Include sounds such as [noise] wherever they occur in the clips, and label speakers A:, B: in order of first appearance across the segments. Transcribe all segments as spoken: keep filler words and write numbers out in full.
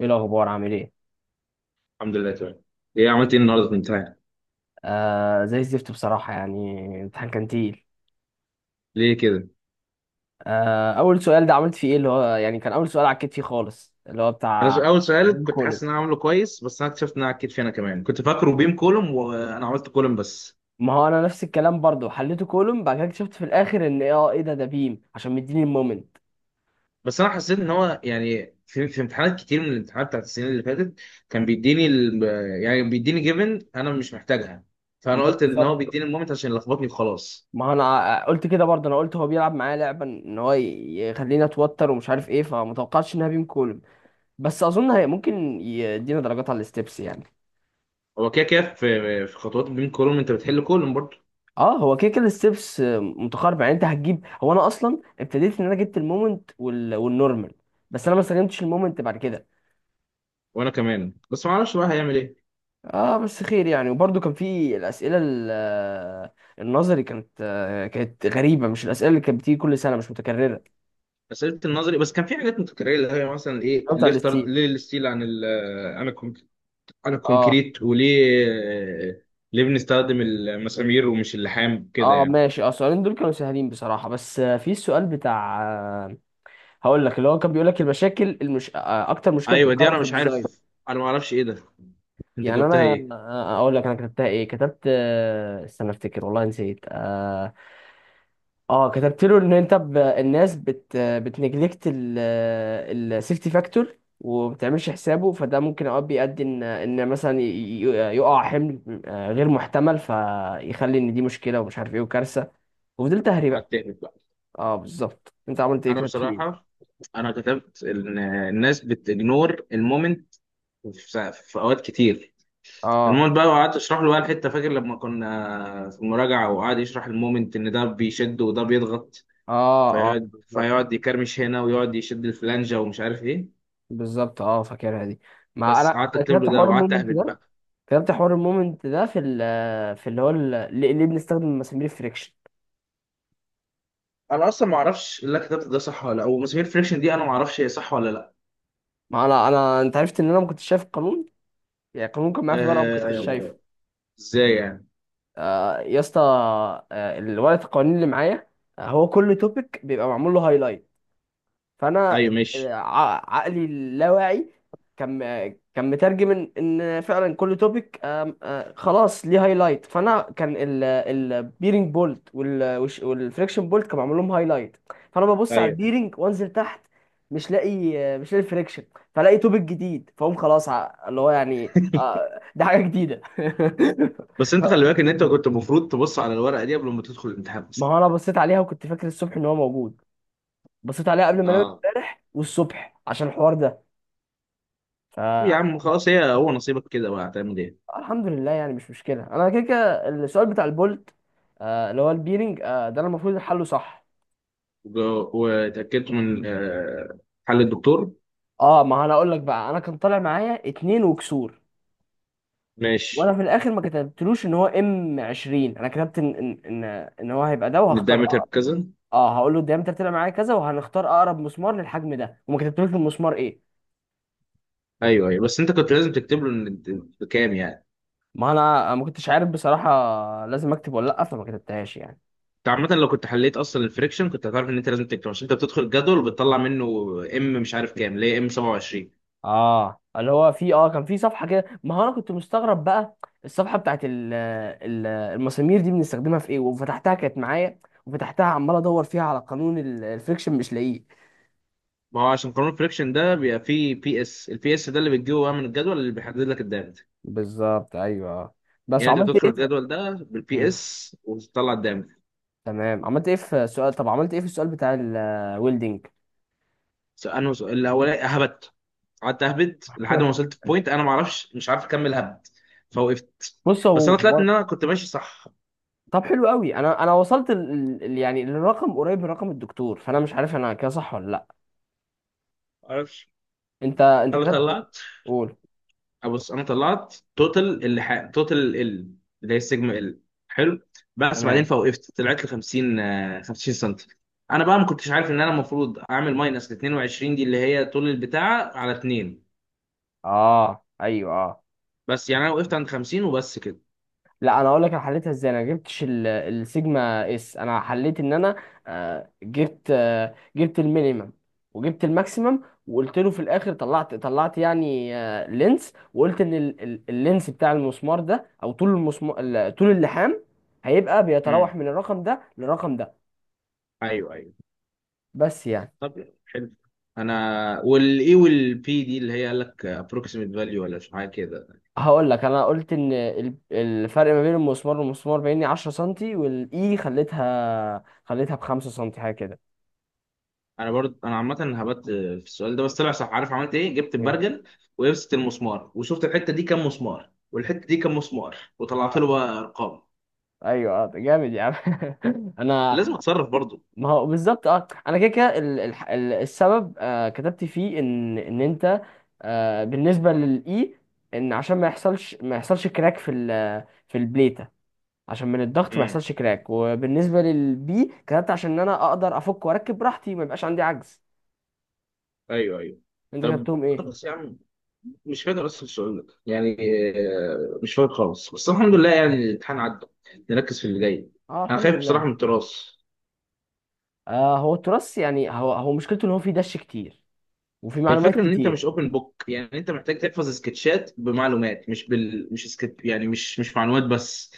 A: ايه الاخبار عامل ايه؟
B: الحمد لله تمام. ايه عملت ايه النهارده في الامتحان؟
A: آه زي الزفت بصراحه، يعني الامتحان كان تقيل.
B: ليه كده؟
A: آه اول سؤال ده عملت فيه ايه؟ اللي هو يعني كان اول سؤال عكيت فيه خالص، اللي هو
B: انا س-
A: بتاع
B: اول سؤال
A: بيم
B: كنت
A: كولوم.
B: حاسس ان انا عامله كويس، بس انا اكتشفت ان انا عكيت فيه. انا كمان كنت فاكره بيم كولوم وانا عملت كولوم بس.
A: ما هو انا نفس الكلام برضو حليته كولوم، بعد كده اكتشفت في الاخر ان اه ايه ده ده بيم عشان مديني المومنت.
B: بس انا حسيت ان هو يعني في, في امتحانات كتير من الامتحانات بتاعت السنين اللي فاتت كان بيديني ال... يعني بيديني جيفن انا مش محتاجها.
A: ما
B: فانا
A: هو
B: قلت ان
A: بالظبط.
B: هو بيديني المومنت عشان يلخبطني وخلاص.
A: ما هو انا قلت كده برضه، انا قلت هو بيلعب معايا لعبه ان هو ي- يخليني اتوتر ومش عارف ايه، فمتوقعتش انها بيم كولوم. بس اظن هي ممكن يدينا درجات على الستبس يعني.
B: هو كده كده في في خطوات البيم كولوم انت بتحل كولوم برضه.
A: اه هو كده كده الستبس متقاربه يعني، انت هتجيب هو انا اصلا ابتديت ان انا جبت المومنت وال... والنورمال، بس انا ما استخدمتش المومنت بعد كده.
B: وانا كمان بس ما اعرفش بقى هيعمل ايه.
A: اه بس خير يعني، وبرده كان في الاسئله ال- آه، النظري، كانت آه، كانت غريبه، مش الاسئله اللي كانت بتيجي كل سنه، مش متكرره.
B: اسئله النظري بس كان في حاجات متكرره، اللي هي مثلا ايه
A: السؤال بتاع
B: ليه اخترت،
A: الستيل.
B: ليه الستيل عن ال عن الكونك- عن
A: اه
B: الكونكريت، وليه ليه بنستخدم المسامير ومش اللحام كده
A: اه
B: يعني؟
A: ماشي، اه السؤالين دول كانوا سهلين بصراحه، بس آه، في السؤال بتاع آه، هقول لك اللي هو كان بيقول لك المشاكل المش... آه، اكتر مشكله
B: ايوه دي
A: بتتكرر
B: انا
A: في
B: مش عارف.
A: الديزاين.
B: انا ما اعرفش ايه ده. انت
A: يعني
B: جاوبتها
A: انا
B: ايه؟
A: اقول لك انا كتبتها ايه، كتبت آه، استنى افتكر، والله نسيت. اه آه، كتبت له ان انت ب... الناس بت بتنجلكت السيفتي فاكتور وما بتعملش حسابه، فده ممكن اوقات بيؤدي ان ان مثلا ي- ي- يقع حمل آه، غير محتمل، فيخلي ان دي مشكله ومش عارف ايه وكارثه. وفضلت اهري
B: على
A: بقى.
B: التهبط بقى.
A: اه بالظبط، انت عملت ايه؟
B: انا
A: كتبت فيه ايه؟
B: بصراحه، انا كتبت ان الناس بتجنور المومنت في في اوقات كتير،
A: اه
B: المومنت بقى. وقعدت اشرح له بقى الحته، فاكر لما كنا في المراجعه وقعد يشرح المومنت ان ده بيشد وده بيضغط،
A: اه اه
B: فيقعد
A: بالظبط،
B: فيقعد يكرمش هنا ويقعد يشد الفلانجة ومش عارف ايه.
A: بالظبط اه فاكرها دي. ما انا
B: بس قعدت
A: أنا
B: اكتب
A: كتبت
B: له ده
A: حوار
B: وقعدت
A: المومنت
B: اهبط
A: ده.
B: بقى.
A: فهمت حوار المومنت ده في ال في اللي هو ال- ليه، ليه بنستخدم مسامير الفريكشن.
B: انا اصلا ما اعرفش اللي أنا كتبته ده صح ولا لا، ومسامير فريكشن دي انا ما اعرفش هي صح ولا لا.
A: ما انا انا انت عرفت ان انا ما كنتش شايف القانون، يعني القانون كان معايا في ورقه، ما
B: آه،
A: كنتش شايفه.
B: أيوة. ازاي يعني؟
A: آه يا اسطى، آه الورقه القوانين اللي معايا، آه هو كل توبيك بيبقى معمول له هايلايت، فانا
B: ايوه
A: آه،
B: ماشي.
A: ع- عقلي اللاواعي كان كان مترجم ان إن فعلا كل توبيك خلاص ليه هايلايت، فانا كان البيرنج بولت والفريكشن بولت كان معمول لهم هايلايت، فانا ببص على
B: ايوه
A: البيرنج وانزل تحت، مش لاقي آه، مش لاقي الفريكشن، فلاقي توبيك جديد، فاقوم خلاص ع- اللي هو يعني
B: [laughs]
A: آه، [laughs] ده حاجه جديده
B: بس انت خلي
A: [laughs]
B: بالك ان انت كنت المفروض تبص على الورقه دي قبل ما تدخل الامتحان
A: ما
B: اصلا.
A: هو انا بصيت عليها وكنت فاكر الصبح ان هو موجود، بصيت عليها قبل ما انام
B: اه.
A: امبارح والصبح عشان الحوار ده.
B: يا عم خلاص، هي هو نصيبك كده بقى، هتعمل ايه؟
A: الحمد لله يعني مش مشكله، انا كده كده السؤال بتاع البولت، آه اللي هو البيرنج آه، ده انا المفروض حله صح.
B: وج- وتاكدت من آه، حل الدكتور؟
A: اه ما انا اقول لك بقى، انا كان طالع معايا اتنين وكسور، وانا
B: ماشي.
A: في الاخر ما كتبتلوش ان هو ام عشرين، انا كتبت ان ان ان إن هو هيبقى ده وهختار
B: الدايمتر
A: أقرب.
B: بكذا.
A: اه هقول له الديامتر طلع معايا كذا وهنختار اقرب مسمار للحجم ده، وما كتبتلوش المسمار ايه.
B: ايوه ايوه بس انت كنت لازم تكتب له ان إنت بكام يعني.
A: ما انا ما كنتش عارف بصراحه لازم اكتب ولا لا، فما كتبتهاش يعني.
B: انت عامة لو كنت حليت اصلا الفريكشن كنت هتعرف ان انت لازم تكتب، عشان انت بتدخل الجدول وبتطلع منه ام، مش عارف كام، ليه ام سبعة وعشرين؟
A: اه اللي هو في اه كان في صفحه كده، ما هو انا كنت مستغرب بقى الصفحه بتاعت ال ال المسامير دي بنستخدمها في ايه، وفتحتها كانت معايا، وفتحتها عمال ادور فيها على قانون ال- الفريكشن مش لاقيه.
B: ما هو عشان قانون الفريكشن ده بيبقى فيه بي اس، البي اس ده اللي بتجيبه بقى من الجدول اللي بيحدد لك الدامج.
A: بالظبط ايوه آه. بس
B: يعني انت
A: عملت
B: بتدخل
A: ايه ده؟
B: الجدول ده بالبي
A: مم.
B: اس وتطلع الدامج.
A: تمام، عملت ايه في السؤال؟ طب عملت ايه في السؤال بتاع الويلدنج؟
B: انا سؤال الاولاني هبت، قعدت اهبد لحد ما
A: [laughs]
B: وصلت بوينت، انا ما اعرفش مش عارف اكمل هبد، فوقفت.
A: بص
B: بس
A: هو
B: انا طلعت
A: هو-
B: ان انا كنت ماشي صح.
A: طب حلو قوي، انا انا وصلت ال... ال- ال- يعني للرقم قريب من رقم الدكتور، فانا مش عارف انا كده صح ولا لا.
B: ما اعرفش.
A: انت انت
B: انا
A: كتبت؟
B: طلعت،
A: قول.
B: بص انا طلعت توتال اللي ح... توتال ال، اللي هي السيجما ال. حلو. بس بعدين
A: تمام.
B: فوقفت طلعت ل خمسين، آه، 50 سم. انا بقى ما كنتش عارف ان انا المفروض اعمل ماينس ل اتنين وعشرين دي، اللي هي طول البتاعه على اتنين.
A: اه ايوه اه.
B: بس يعني انا وقفت عند خمسين وبس كده.
A: لا انا اقول لك انا حليتها ازاي، انا جبتش ال- السيجما اس، انا حليت ان انا آه، جبت آه، جبت المينيمم وجبت الماكسيمم، وقلت له في الاخر طلعت طلعت يعني آه، لينس، وقلت ان ال- ال- اللينس بتاع المسمار ده او طول المسمار ال- طول اللحام هيبقى
B: امم،
A: بيتراوح من الرقم ده للرقم ده.
B: ايوه ايوه
A: بس يعني
B: طب حلو. انا والاي والبي دي اللي هي قال لك ابروكسيميت فاليو ولا مش حاجه كده؟
A: هقول لك انا قلت ان ال- الفرق ما بين المسمار والمسمار بيني عشرة سنتي، والاي خليتها خليتها ب خمسة سنتي حاجه كده.
B: انا برضه انا عامه هبت في السؤال ده بس طلع صح. عارف عملت ايه؟ جبت
A: ايه؟
B: البرجل ولبست المسمار وشفت الحته دي كام مسمار والحته دي كام مسمار وطلعت له
A: اه
B: بقى ارقام.
A: ايوه آه، جامد يا عم [laughs] انا.
B: لازم اتصرف برضه.
A: ما هو بالظبط، اه انا كده كده ال- الح- ال- السبب آه كتبت فيه ان ان انت آه بالنسبه للاي ان عشان ما يحصلش، ما يحصلش كراك في ال- في البليته، عشان من الضغط ما
B: امم،
A: يحصلش كراك، وبالنسبه للبي كتبت عشان ان انا اقدر افك واركب براحتي، ما يبقاش عندي عجز.
B: ايوه ايوه
A: انت
B: طب
A: كتبتهم ايه؟
B: خلاص يا عم. مش فاكر اصلا السؤال ده يعني، آه، مش فاكر خالص، بس الحمد لله يعني الامتحان عدى. نركز في اللي جاي.
A: اه
B: انا
A: الحمد
B: خايف بصراحه من
A: لله.
B: التراث.
A: آه هو التراث يعني، هو هو مشكلته ان هو فيه دش كتير وفي معلومات
B: الفكره ان انت مش
A: كتير.
B: اوبن بوك، يعني انت محتاج تحفظ سكتشات بمعلومات، مش بال مش سكت يعني، مش مش معلومات بس.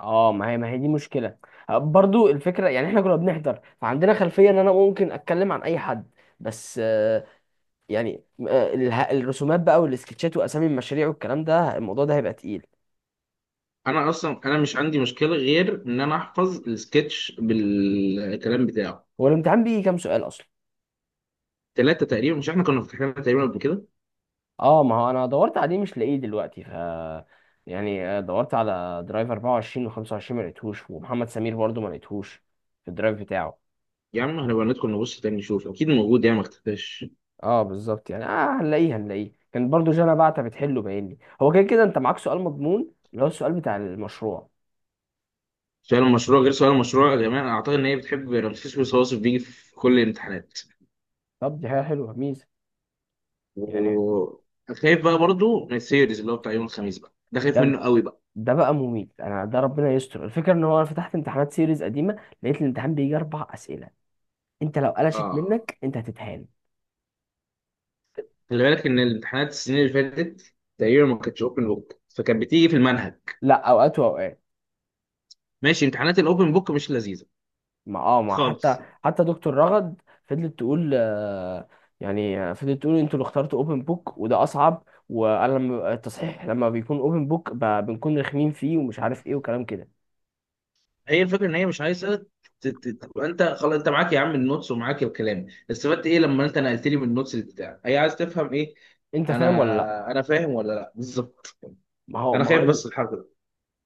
A: اه ما هي، ما هي دي مشكله. آه، برضو الفكره يعني احنا كنا بنحضر فعندنا خلفيه ان انا ممكن اتكلم عن اي حد، بس آه، يعني آه، اله- الرسومات بقى والسكتشات واسامي المشاريع والكلام ده، الموضوع ده هيبقى تقيل.
B: انا اصلا انا مش عندي مشكله غير ان انا احفظ السكتش بالكلام بتاعه.
A: هو الامتحان بيجي كام سؤال اصلا؟
B: ثلاثه تقريبا، مش احنا كنا فاتحينها تقريبا قبل كده؟
A: اه ما هو انا دورت عليه مش لاقيه دلوقتي، ف يعني آه، دورت على درايف اربعة وعشرين وخمسة وعشرين، ما لقيتهوش، ومحمد سمير برضو ما لقيتهوش في الدرايف بتاعه.
B: يا عم هنبقى ندخل نبص تاني نشوف، اكيد موجود يعني، ما اختفاش.
A: اه بالظبط يعني، اه هنلاقيه هنلاقيه، كان برضو جانا بعتة بتحله، باينني هو كده كده انت معاك سؤال مضمون، اللي هو السؤال بتاع المشروع.
B: سؤال المشروع غير، سؤال المشروع يا جماعه انا اعتقد ان هي بتحب رمسيس، والصواصف بيجي في كل الامتحانات.
A: طب دي حاجة حلوة، ميزة. يعني
B: وخايف بقى برضو من السيريز اللي هو بتاع يوم الخميس بقى، ده خايف منه
A: ده
B: قوي بقى.
A: ده بقى مميت انا، ده ربنا يستر، الفكرة ان هو انا فتحت امتحانات سيريز قديمة، لقيت الامتحان بيجي اربع اسئلة، انت لو قلشت
B: اه.
A: منك انت هتتهان.
B: خلي بالك ان الامتحانات السنين اللي فاتت تقريبا ما كانتش اوبن بوك، فكانت بتيجي في المنهج.
A: لا اوقات واوقات.
B: ماشي، امتحانات الاوبن بوك مش لذيذه
A: ما اه ما حتى،
B: خالص.
A: حتى دكتور رغد فضلت تقول آه، يعني آه، فضلت تقول انتوا اللي اخترتوا اوبن بوك وده اصعب، وانا لما ببقى- التصحيح لما بيكون اوبن بوك بنكون رخمين فيه ومش عارف ايه وكلام كده.
B: هي الفكره ان هي مش عايزه ت- ت- تبقى، انت خلاص انت معاك يا عم النوتس ومعاك الكلام، استفدت ايه لما انت نقلت لي من النوتس بتاعك؟ هي عايز تفهم ايه.
A: انت فاهم ولا لا؟
B: انا انا فاهم ولا لا بالظبط.
A: ما هو
B: انا
A: ما
B: خايف
A: هو
B: بس الحركه دي.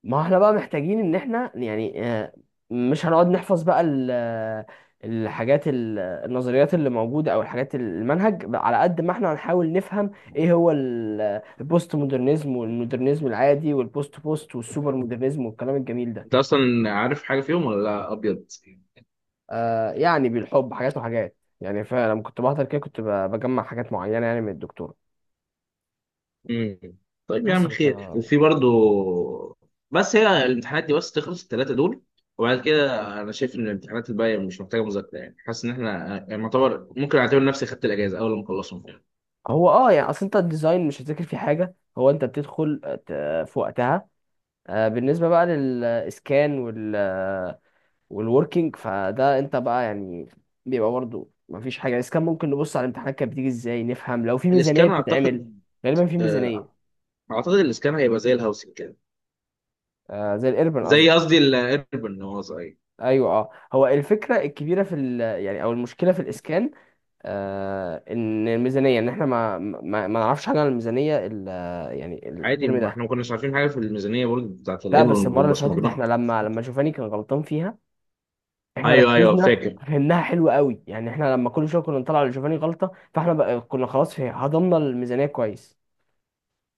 A: ما احنا بقى محتاجين ان احنا يعني آه، مش هنقعد نحفظ بقى ال- آه، الحاجات ال- النظريات اللي موجودة او الحاجات المنهج، على قد ما احنا هنحاول نفهم ايه هو ال- آه، البوست مودرنزم والمودرنزم العادي والبوست بوست والسوبر مودرنزم والكلام الجميل
B: انت
A: ده.
B: اصلا عارف حاجه فيهم ولا لا ابيض؟
A: آه يعني بالحب حاجات وحاجات يعني، فلما كنت بحضر كده كنت ب- بجمع حاجات معينة يعني من الدكتور.
B: امم. طيب يا عم،
A: بس
B: خير
A: ف-
B: وفي برضو. بس هي الامتحانات دي بس تخلص الثلاثه دول، وبعد كده انا شايف ان الامتحانات الباقيه مش محتاجه مذاكره يعني، حاسس ان احنا يعني معتبر، ممكن اعتبر نفسي خدت الاجازه اول ما اخلصهم.
A: هو اه يعني اصل انت الديزاين مش هتذاكر فيه حاجة، هو انت بتدخل آه، ت- في وقتها. آه، بالنسبة بقى للإسكان وال والوركينج، فده أنت بقى يعني بيبقى برضه مفيش حاجة. الإسكان ممكن نبص على الامتحانات كانت بتيجي إزاي، نفهم لو في ميزانية
B: الاسكان
A: بتتعمل.
B: اعتقد،
A: غالبا في
B: آه،
A: ميزانية.
B: اعتقد الاسكان هيبقى زي الهاوسنج كده.
A: آه، زي الإيربن
B: زي
A: قصدي.
B: قصدي الايربن، هو صغير.
A: أيوه أه هو الفكرة الكبيرة في ال يعني أو المشكلة في الإسكان آه، إن الميزانية، إن إحنا ما ما, ما نعرفش حاجة عن الميزانية ال- يعني
B: عادي،
A: الترم
B: ما
A: ده.
B: احنا ما كناش عارفين حاجه في الميزانيه برضه بتاعت
A: لا بس
B: الايربن
A: المرة اللي فاتت إحنا
B: وبصمجناها.
A: لما لما شوفاني كان غلطان فيها، احنا
B: ايوه ايوه
A: ركزنا
B: فاكر.
A: فهمناها حلو قوي يعني، احنا لما كل شويه كنا نطلع لجوفاني غلطه، فاحنا بقى كنا خلاص في هضمنا الميزانيه كويس.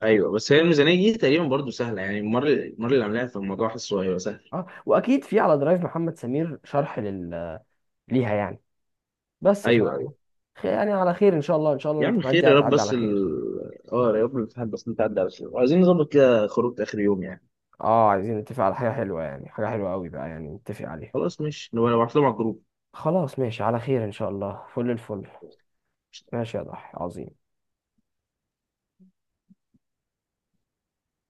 B: ايوه، بس هي الميزانيه دي تقريبا برضه سهله يعني، المره المره اللي عاملاها في الموضوع حاسه هيبقى سهل.
A: اه واكيد في على درايف محمد سمير شرح لل... ليها يعني. بس ف
B: ايوه ايوه.
A: خ- يعني على خير ان شاء الله، ان شاء الله
B: يا عم
A: الامتحانات دي
B: خير يا رب،
A: هتعدي على
B: بس
A: خير.
B: ال... اه يا رب الامتحان بس انت عدى على خير، وعايزين نظبط كده خروج اخر يوم يعني.
A: اه عايزين نتفق على حاجه حلوه، يعني حاجه حلوه قوي بقى يعني نتفق عليها.
B: خلاص ماشي، نبقى نبعت لهم على الجروب.
A: خلاص ماشي، على خير ان شاء الله، فل الفل. ماشي يا ضحى، عظيم.